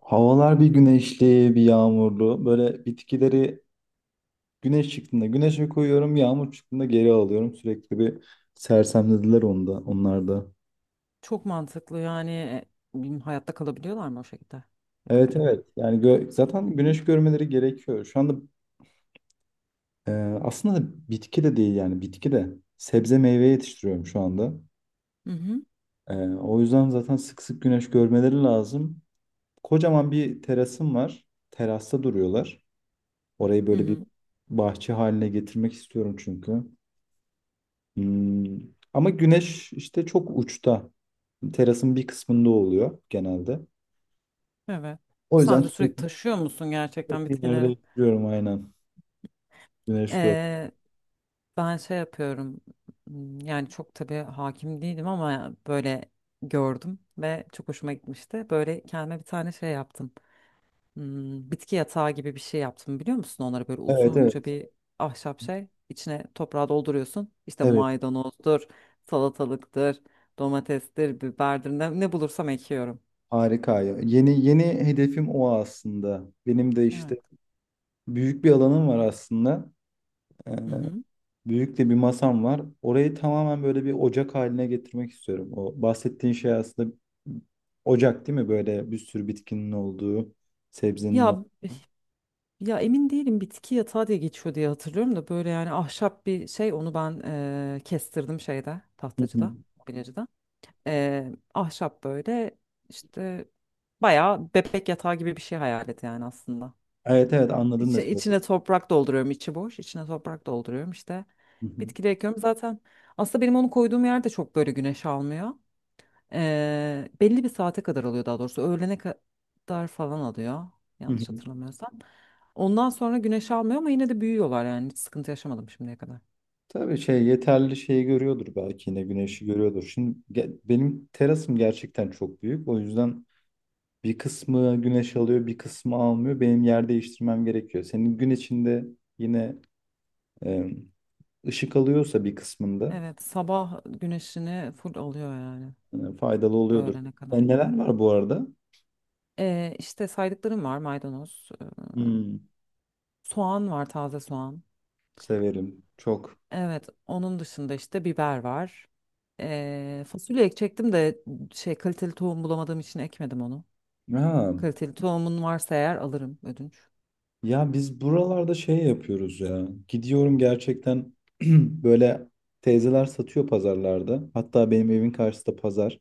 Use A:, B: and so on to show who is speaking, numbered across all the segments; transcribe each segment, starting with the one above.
A: Havalar bir güneşli, bir yağmurlu. Böyle bitkileri güneş çıktığında güneşe koyuyorum, yağmur çıktığında geri alıyorum. Sürekli bir sersemlediler onda, onlarda.
B: Çok mantıklı yani bilmiyorum, hayatta kalabiliyorlar mı o şekilde
A: Evet
B: yapınca?
A: evet. Yani
B: Hı
A: zaten güneş görmeleri gerekiyor. Şu anda e, aslında bitki de değil yani bitki de sebze meyve yetiştiriyorum şu anda.
B: hı. Hı hı.
A: E, o yüzden zaten sık sık güneş görmeleri lazım. Kocaman bir terasım var. Terasta duruyorlar. Orayı böyle bir bahçe haline getirmek istiyorum çünkü. Hmm. Ama güneş işte çok uçta. Terasın bir kısmında oluyor genelde.
B: Evet.
A: O yüzden
B: Sen de sürekli
A: sürekli,
B: taşıyor musun gerçekten
A: sürekli yerde
B: bitkileri?
A: yapıyorum aynen. Güneş gör.
B: Ee, ben şey yapıyorum. Yani çok tabii hakim değilim ama böyle gördüm ve çok hoşuma gitmişti. Böyle kendime bir tane şey yaptım. Hmm, bitki yatağı gibi bir şey yaptım biliyor musun? Onlara böyle
A: Evet
B: uzunca
A: evet.
B: bir ahşap şey içine toprağı dolduruyorsun. İşte
A: Evet.
B: maydanozdur, salatalıktır, domatestir, biberdir ne bulursam ekiyorum.
A: Harika. Ya. Yeni yeni hedefim o aslında. Benim de
B: Evet.
A: işte büyük bir alanım var aslında. Ee,
B: Hı hı.
A: Büyük de bir masam var. Orayı tamamen böyle bir ocak haline getirmek istiyorum. O bahsettiğin şey aslında ocak değil mi? Böyle bir sürü bitkinin olduğu, sebzenin
B: Ya
A: olduğu.
B: ya emin değilim bitki yatağı diye geçiyor diye hatırlıyorum da böyle yani ahşap bir şey onu ben kestirdim şeyde
A: Hı hı.
B: tahtacıda, bilecide. Ahşap böyle işte bayağı bebek yatağı gibi bir şey hayal et yani aslında.
A: Evet evet anladın mesela.
B: İçine toprak dolduruyorum, içi boş. İçine toprak dolduruyorum, işte
A: Hı hı.
B: bitkileri ekiyorum. Zaten aslında benim onu koyduğum yer de çok böyle güneş almıyor. Belli bir saate kadar alıyor, daha doğrusu öğlene kadar falan alıyor,
A: Hı hı.
B: yanlış hatırlamıyorsam ondan sonra güneş almıyor, ama yine de büyüyorlar yani. Hiç sıkıntı yaşamadım şimdiye kadar.
A: Tabii şey yeterli şeyi görüyordur belki yine güneşi görüyordur. Şimdi benim terasım gerçekten çok büyük. O yüzden bir kısmı güneş alıyor, bir kısmı almıyor. Benim yer değiştirmem gerekiyor. Senin gün içinde yine e, ışık alıyorsa bir kısmında
B: Evet, sabah güneşini full alıyor yani,
A: faydalı oluyordur.
B: öğlene kadar.
A: E, neler var bu arada?
B: İşte saydıklarım var, maydanoz,
A: Hmm,
B: soğan var, taze soğan.
A: severim çok.
B: Evet, onun dışında işte biber var. Fasulye ekecektim de şey, kaliteli tohum bulamadığım için ekmedim onu.
A: Ha.
B: Kaliteli tohumun varsa eğer alırım ödünç.
A: Ya biz buralarda şey yapıyoruz ya. Gidiyorum gerçekten böyle teyzeler satıyor pazarlarda. Hatta benim evin karşısında pazar.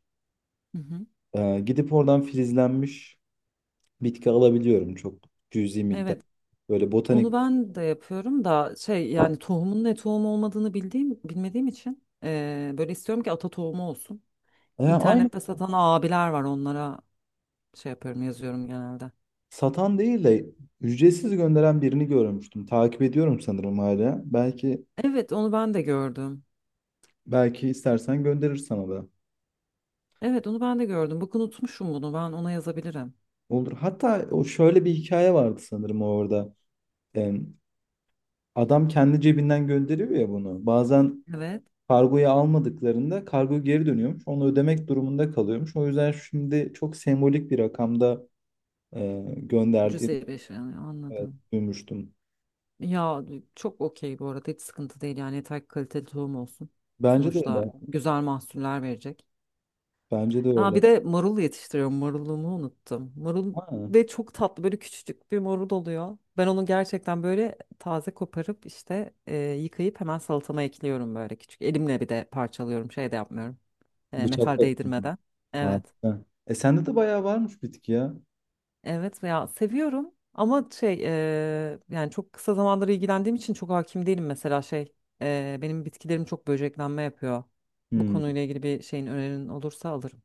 B: Hı hı.
A: Gidip oradan filizlenmiş bitki alabiliyorum çok cüzi miktar.
B: Evet,
A: Böyle
B: onu
A: botanik.
B: ben de yapıyorum da şey, yani tohumun ne tohum olmadığını bildiğim bilmediğim için böyle istiyorum ki ata tohumu olsun.
A: Ya aynı
B: İnternette satan abiler var, onlara şey yapıyorum, yazıyorum genelde.
A: satan değil de ücretsiz gönderen birini görmüştüm. Takip ediyorum sanırım hala. Belki
B: Evet, onu ben de gördüm.
A: belki istersen gönderir sana da.
B: Evet, onu ben de gördüm. Bakın unutmuşum bunu. Ben ona yazabilirim.
A: Olur. Hatta o şöyle bir hikaye vardı sanırım orada. Em, Adam kendi cebinden gönderiyor ya bunu. Bazen
B: Evet.
A: kargoyu almadıklarında kargo geri dönüyormuş. Onu ödemek durumunda kalıyormuş. O yüzden şimdi çok sembolik bir rakamda gönderdiğini
B: Cüzey beşi yani,
A: e,
B: anladım.
A: duymuştum.
B: Ya çok okey bu arada, hiç sıkıntı değil yani, yeter ki kaliteli tohum olsun.
A: Bence de
B: Sonuçta
A: öyle.
B: güzel mahsuller verecek.
A: Bence de
B: Aa,
A: öyle.
B: bir de marul yetiştiriyorum. Marulumu unuttum. Marul,
A: Ha,
B: ve çok tatlı böyle küçücük bir marul oluyor. Ben onu gerçekten böyle taze koparıp işte yıkayıp hemen salatama ekliyorum, böyle küçük. Elimle bir de parçalıyorum, şey de yapmıyorum. Metal
A: bıçakla.
B: değdirmeden. Evet.
A: Harika. E sende de bayağı varmış bitki ya.
B: Evet ya, seviyorum ama şey, yani çok kısa zamandır ilgilendiğim için çok hakim değilim, mesela şey, benim bitkilerim çok böceklenme yapıyor. Bu
A: Hmm.
B: konuyla ilgili bir şeyin önerin olursa alırım.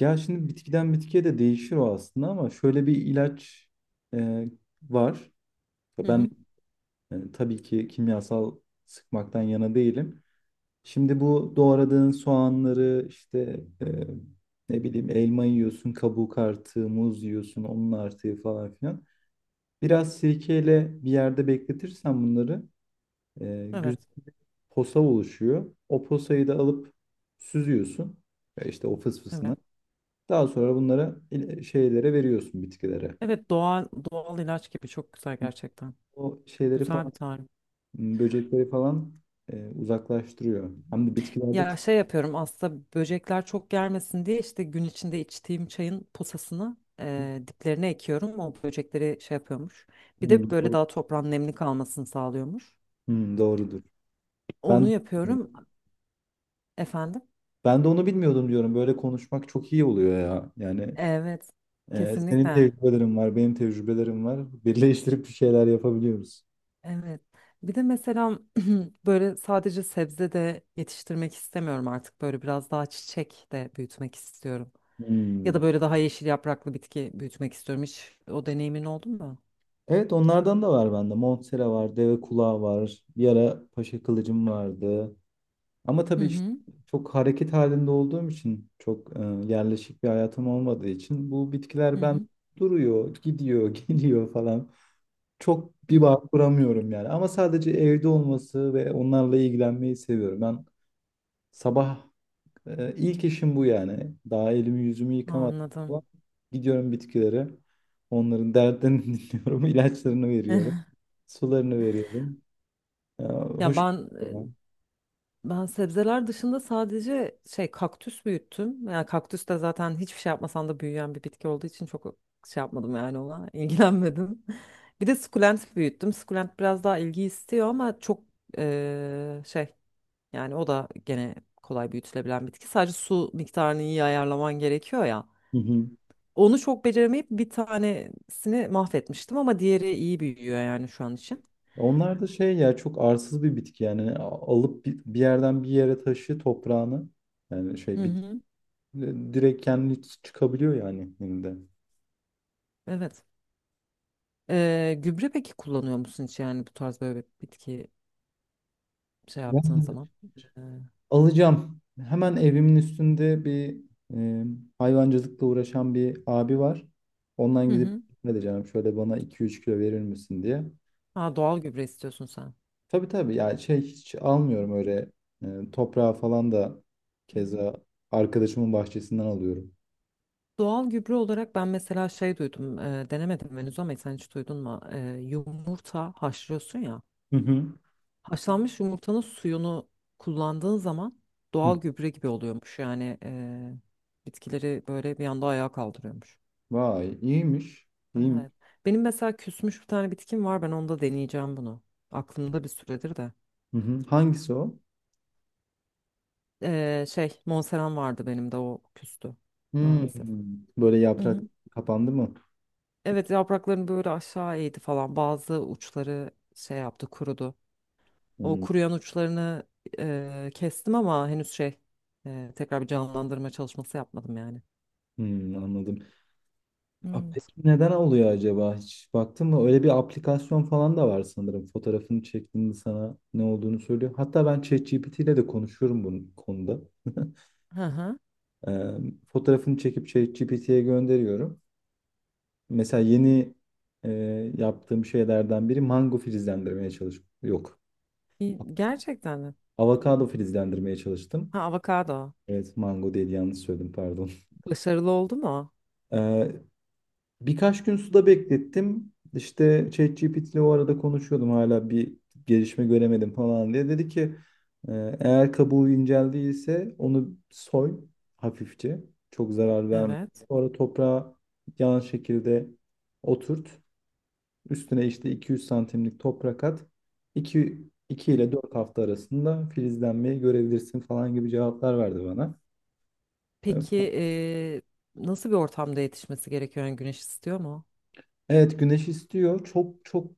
A: Ya şimdi bitkiden bitkiye de değişir o aslında ama şöyle bir ilaç e, var.
B: Hı
A: Ben
B: hı.
A: tabii ki kimyasal sıkmaktan yana değilim. Şimdi bu doğradığın soğanları işte ne bileyim elma yiyorsun, kabuk artığı, muz yiyorsun, onun artığı falan filan. Biraz sirkeyle bir yerde bekletirsen bunları güzel
B: Evet,
A: posa oluşuyor. O posayı da alıp süzüyorsun işte o
B: evet.
A: fısfısına. Daha sonra bunlara şeylere veriyorsun bitkilere.
B: Evet, doğal doğal ilaç gibi, çok güzel gerçekten.
A: O şeyleri
B: Güzel bir
A: falan,
B: tarif.
A: böcekleri falan uzaklaştırıyor. Hem de bitkilerde
B: Ya
A: çok.
B: şey yapıyorum aslında, böcekler çok gelmesin diye işte gün içinde içtiğim çayın posasını diplerine ekiyorum. O böcekleri şey yapıyormuş. Bir
A: Hmm,
B: de böyle
A: doğru.
B: daha toprağın nemli kalmasını sağlıyormuş.
A: Hmm, doğrudur.
B: Onu
A: Ben
B: yapıyorum. Efendim?
A: Ben de onu bilmiyordum diyorum. Böyle konuşmak çok iyi oluyor ya. Yani
B: Evet,
A: senin
B: kesinlikle.
A: tecrübelerin var, benim tecrübelerim var. Birleştirip bir şeyler yapabiliyoruz.
B: Evet. Bir de mesela böyle sadece sebze de yetiştirmek istemiyorum artık. Böyle biraz daha çiçek de büyütmek istiyorum. Ya da
A: Hmm.
B: böyle daha yeşil yapraklı bitki büyütmek istiyorum. Hiç o deneyimin oldu mu?
A: Evet onlardan da var bende. Monstera var, deve kulağı var. Bir ara paşa kılıcım vardı. Ama
B: Hı
A: tabii işte
B: hı.
A: çok hareket halinde olduğum için, çok yerleşik bir hayatım olmadığı için bu
B: Hı
A: bitkiler ben
B: hı.
A: duruyor, gidiyor, geliyor falan. Çok
B: Hı
A: bir bağ
B: hı.
A: kuramıyorum yani. Ama sadece evde olması ve onlarla ilgilenmeyi seviyorum. Ben sabah ilk işim bu yani. Daha elimi yüzümü yıkamadım
B: Anladım.
A: falan. Gidiyorum bitkilere. Onların derdlerini dinliyorum. İlaçlarını veriyorum. Sularını veriyorum. Ya,
B: Ya
A: hoş
B: ben
A: bir şey ya.
B: Ben sebzeler dışında sadece şey, kaktüs büyüttüm. Yani kaktüs de zaten hiçbir şey yapmasan da büyüyen bir bitki olduğu için çok şey yapmadım yani ona ilgilenmedim. Bir de sukulent büyüttüm. Sukulent biraz daha ilgi istiyor ama çok şey, yani o da gene kolay büyütülebilen bitki. Sadece su miktarını iyi ayarlaman gerekiyor ya.
A: Hı hı.
B: Onu çok beceremeyip bir tanesini mahvetmiştim ama diğeri iyi büyüyor yani şu an için.
A: Onlar da şey ya çok arsız bir bitki yani alıp bir yerden bir yere taşı toprağını yani
B: Hı
A: şey bit
B: hı.
A: direkt kendi çıkabiliyor yani elinde.
B: Evet. Gübre peki kullanıyor musun hiç, yani bu tarz böyle bitki şey yaptığın zaman. Ee,
A: Alacağım. Hemen evimin üstünde bir e, hayvancılıkla uğraşan bir abi var. Ondan
B: Hı
A: gidip
B: hı.
A: ne diyeceğim şöyle bana iki üç kilo verir misin diye.
B: Ha, doğal gübre istiyorsun sen.
A: Tabii tabii yani şey hiç almıyorum öyle toprağı falan da
B: Hı hı.
A: keza arkadaşımın bahçesinden alıyorum.
B: Doğal gübre olarak ben mesela şey duydum, denemedim henüz ama sen hiç duydun mu? E, yumurta haşlıyorsun ya,
A: Hı hı.
B: haşlanmış yumurtanın suyunu kullandığın zaman
A: Hı.
B: doğal gübre gibi oluyormuş. Yani bitkileri böyle bir anda ayağa kaldırıyormuş.
A: Vay iyiymiş.
B: Evet.
A: İyiymiş.
B: Benim mesela küsmüş bir tane bitkim var, ben onda deneyeceğim bunu. Aklımda bir süredir de.
A: Hı hı. Hangisi o?
B: Şey, Monseram vardı benim de, o küstü
A: Hmm.
B: maalesef.
A: Böyle
B: Hı
A: yaprak
B: hı.
A: kapandı mı?
B: Evet, yapraklarını böyle aşağı eğdi falan. Bazı uçları şey yaptı, kurudu. O
A: Hmm,
B: kuruyan uçlarını kestim ama henüz şey, tekrar bir canlandırma çalışması yapmadım yani.
A: hmm, anladım. Aa,
B: Evet.
A: peki neden oluyor acaba? Hiç baktın mı? Öyle bir aplikasyon falan da var sanırım. Fotoğrafını çektiğinde sana ne olduğunu söylüyor. Hatta ben ChatGPT ile de konuşuyorum bu konuda.
B: Hı hı.
A: Ee, Fotoğrafını çekip ChatGPT'ye gönderiyorum. Mesela yeni e, yaptığım şeylerden biri mango filizlendirmeye çalış. Yok.
B: İyi, gerçekten mi?
A: Avokado filizlendirmeye çalıştım.
B: Ha, avokado.
A: Evet mango değil yanlış söyledim pardon.
B: Başarılı oldu mu?
A: Birkaç gün suda beklettim. İşte ChatGPT ile o arada konuşuyordum hala bir gelişme göremedim falan diye. Dedi ki e, eğer kabuğu incel değilse onu soy hafifçe. Çok zarar verme.
B: Evet.
A: Sonra toprağa yan şekilde oturt. Üstüne işte 200 santimlik toprak at. 2
B: Hı.
A: ile 4 hafta arasında filizlenmeyi görebilirsin falan gibi cevaplar verdi bana. Ee,
B: Peki nasıl bir ortamda yetişmesi gerekiyor? Yani güneş istiyor mu?
A: Evet güneş istiyor. Çok çok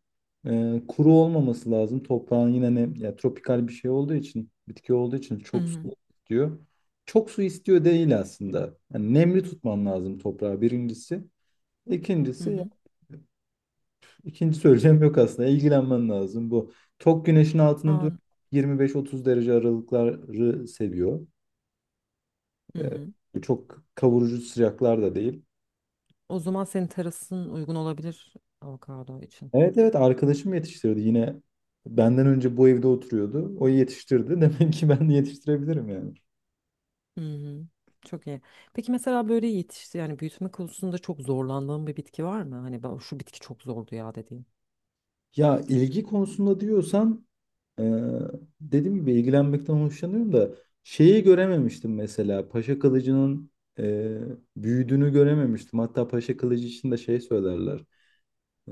A: kuru olmaması lazım. Toprağın yine ne ya tropikal bir şey olduğu için, bitki olduğu için
B: Hı
A: çok su
B: hı.
A: istiyor. Çok su istiyor değil aslında. Yani nemli tutman lazım toprağı birincisi.
B: Hı
A: İkincisi,
B: hı.
A: ikinci söyleyeceğim yok aslında. İlgilenmen lazım bu. Çok güneşin altını dur
B: An.
A: 25-30 derece aralıkları seviyor.
B: Hı hı.
A: E, çok kavurucu sıcaklar da değil.
B: O zaman senin terasın uygun olabilir avokado için.
A: Evet evet arkadaşım yetiştiriyordu yine. Benden önce bu evde oturuyordu. O yetiştirdi. Demek ki ben de yetiştirebilirim yani.
B: Hı hı. Çok iyi. Peki mesela böyle yetişti yani, büyütme konusunda çok zorlandığın bir bitki var mı? Hani ben, şu bitki çok zordu ya dediğin.
A: Ya ilgi konusunda diyorsan e, dediğim gibi ilgilenmekten hoşlanıyorum da şeyi görememiştim mesela. Paşa Kılıcı'nın e, büyüdüğünü görememiştim. Hatta Paşa Kılıcı için de şey söylerler.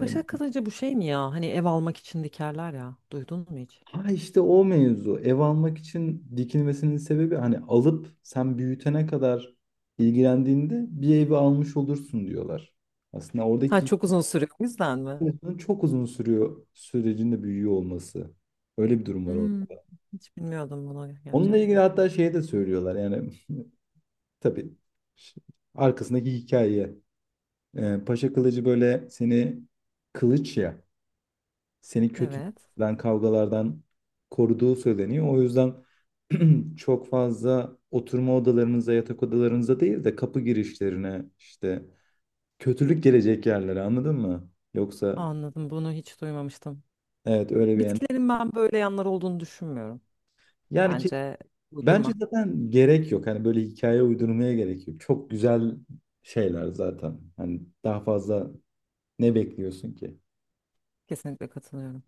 B: Başak kalıcı bu şey mi ya? Hani ev almak için dikerler ya. Duydun mu hiç?
A: Ha işte o mevzu. Ev almak için dikilmesinin sebebi hani alıp sen büyütene kadar ilgilendiğinde bir evi almış olursun diyorlar. Aslında
B: Ha,
A: oradaki
B: çok uzun sürüyor o yüzden mi?
A: hikayesinin çok uzun sürüyor sürecinde büyüyor olması. Öyle bir durum var orada.
B: Hmm, hiç bilmiyordum bunu
A: Onunla ilgili
B: gerçekten.
A: hatta şey de söylüyorlar yani tabii ş- arkasındaki hikaye. Paşa kılıcı böyle seni kılıç ya. Seni
B: Evet.
A: kötüden kavgalardan koruduğu söyleniyor. O yüzden çok fazla oturma odalarınıza, yatak odalarınıza değil de kapı girişlerine işte kötülük gelecek yerlere anladın mı? Yoksa
B: Anladım. Bunu hiç duymamıştım.
A: evet öyle bir yani.
B: Bitkilerin ben böyle yanları olduğunu düşünmüyorum.
A: Yani ki
B: Bence
A: bence
B: uydurma.
A: zaten gerek yok. Hani böyle hikaye uydurmaya gerek yok. Çok güzel şeyler zaten. Hani daha fazla ne bekliyorsun ki?
B: Kesinlikle katılıyorum.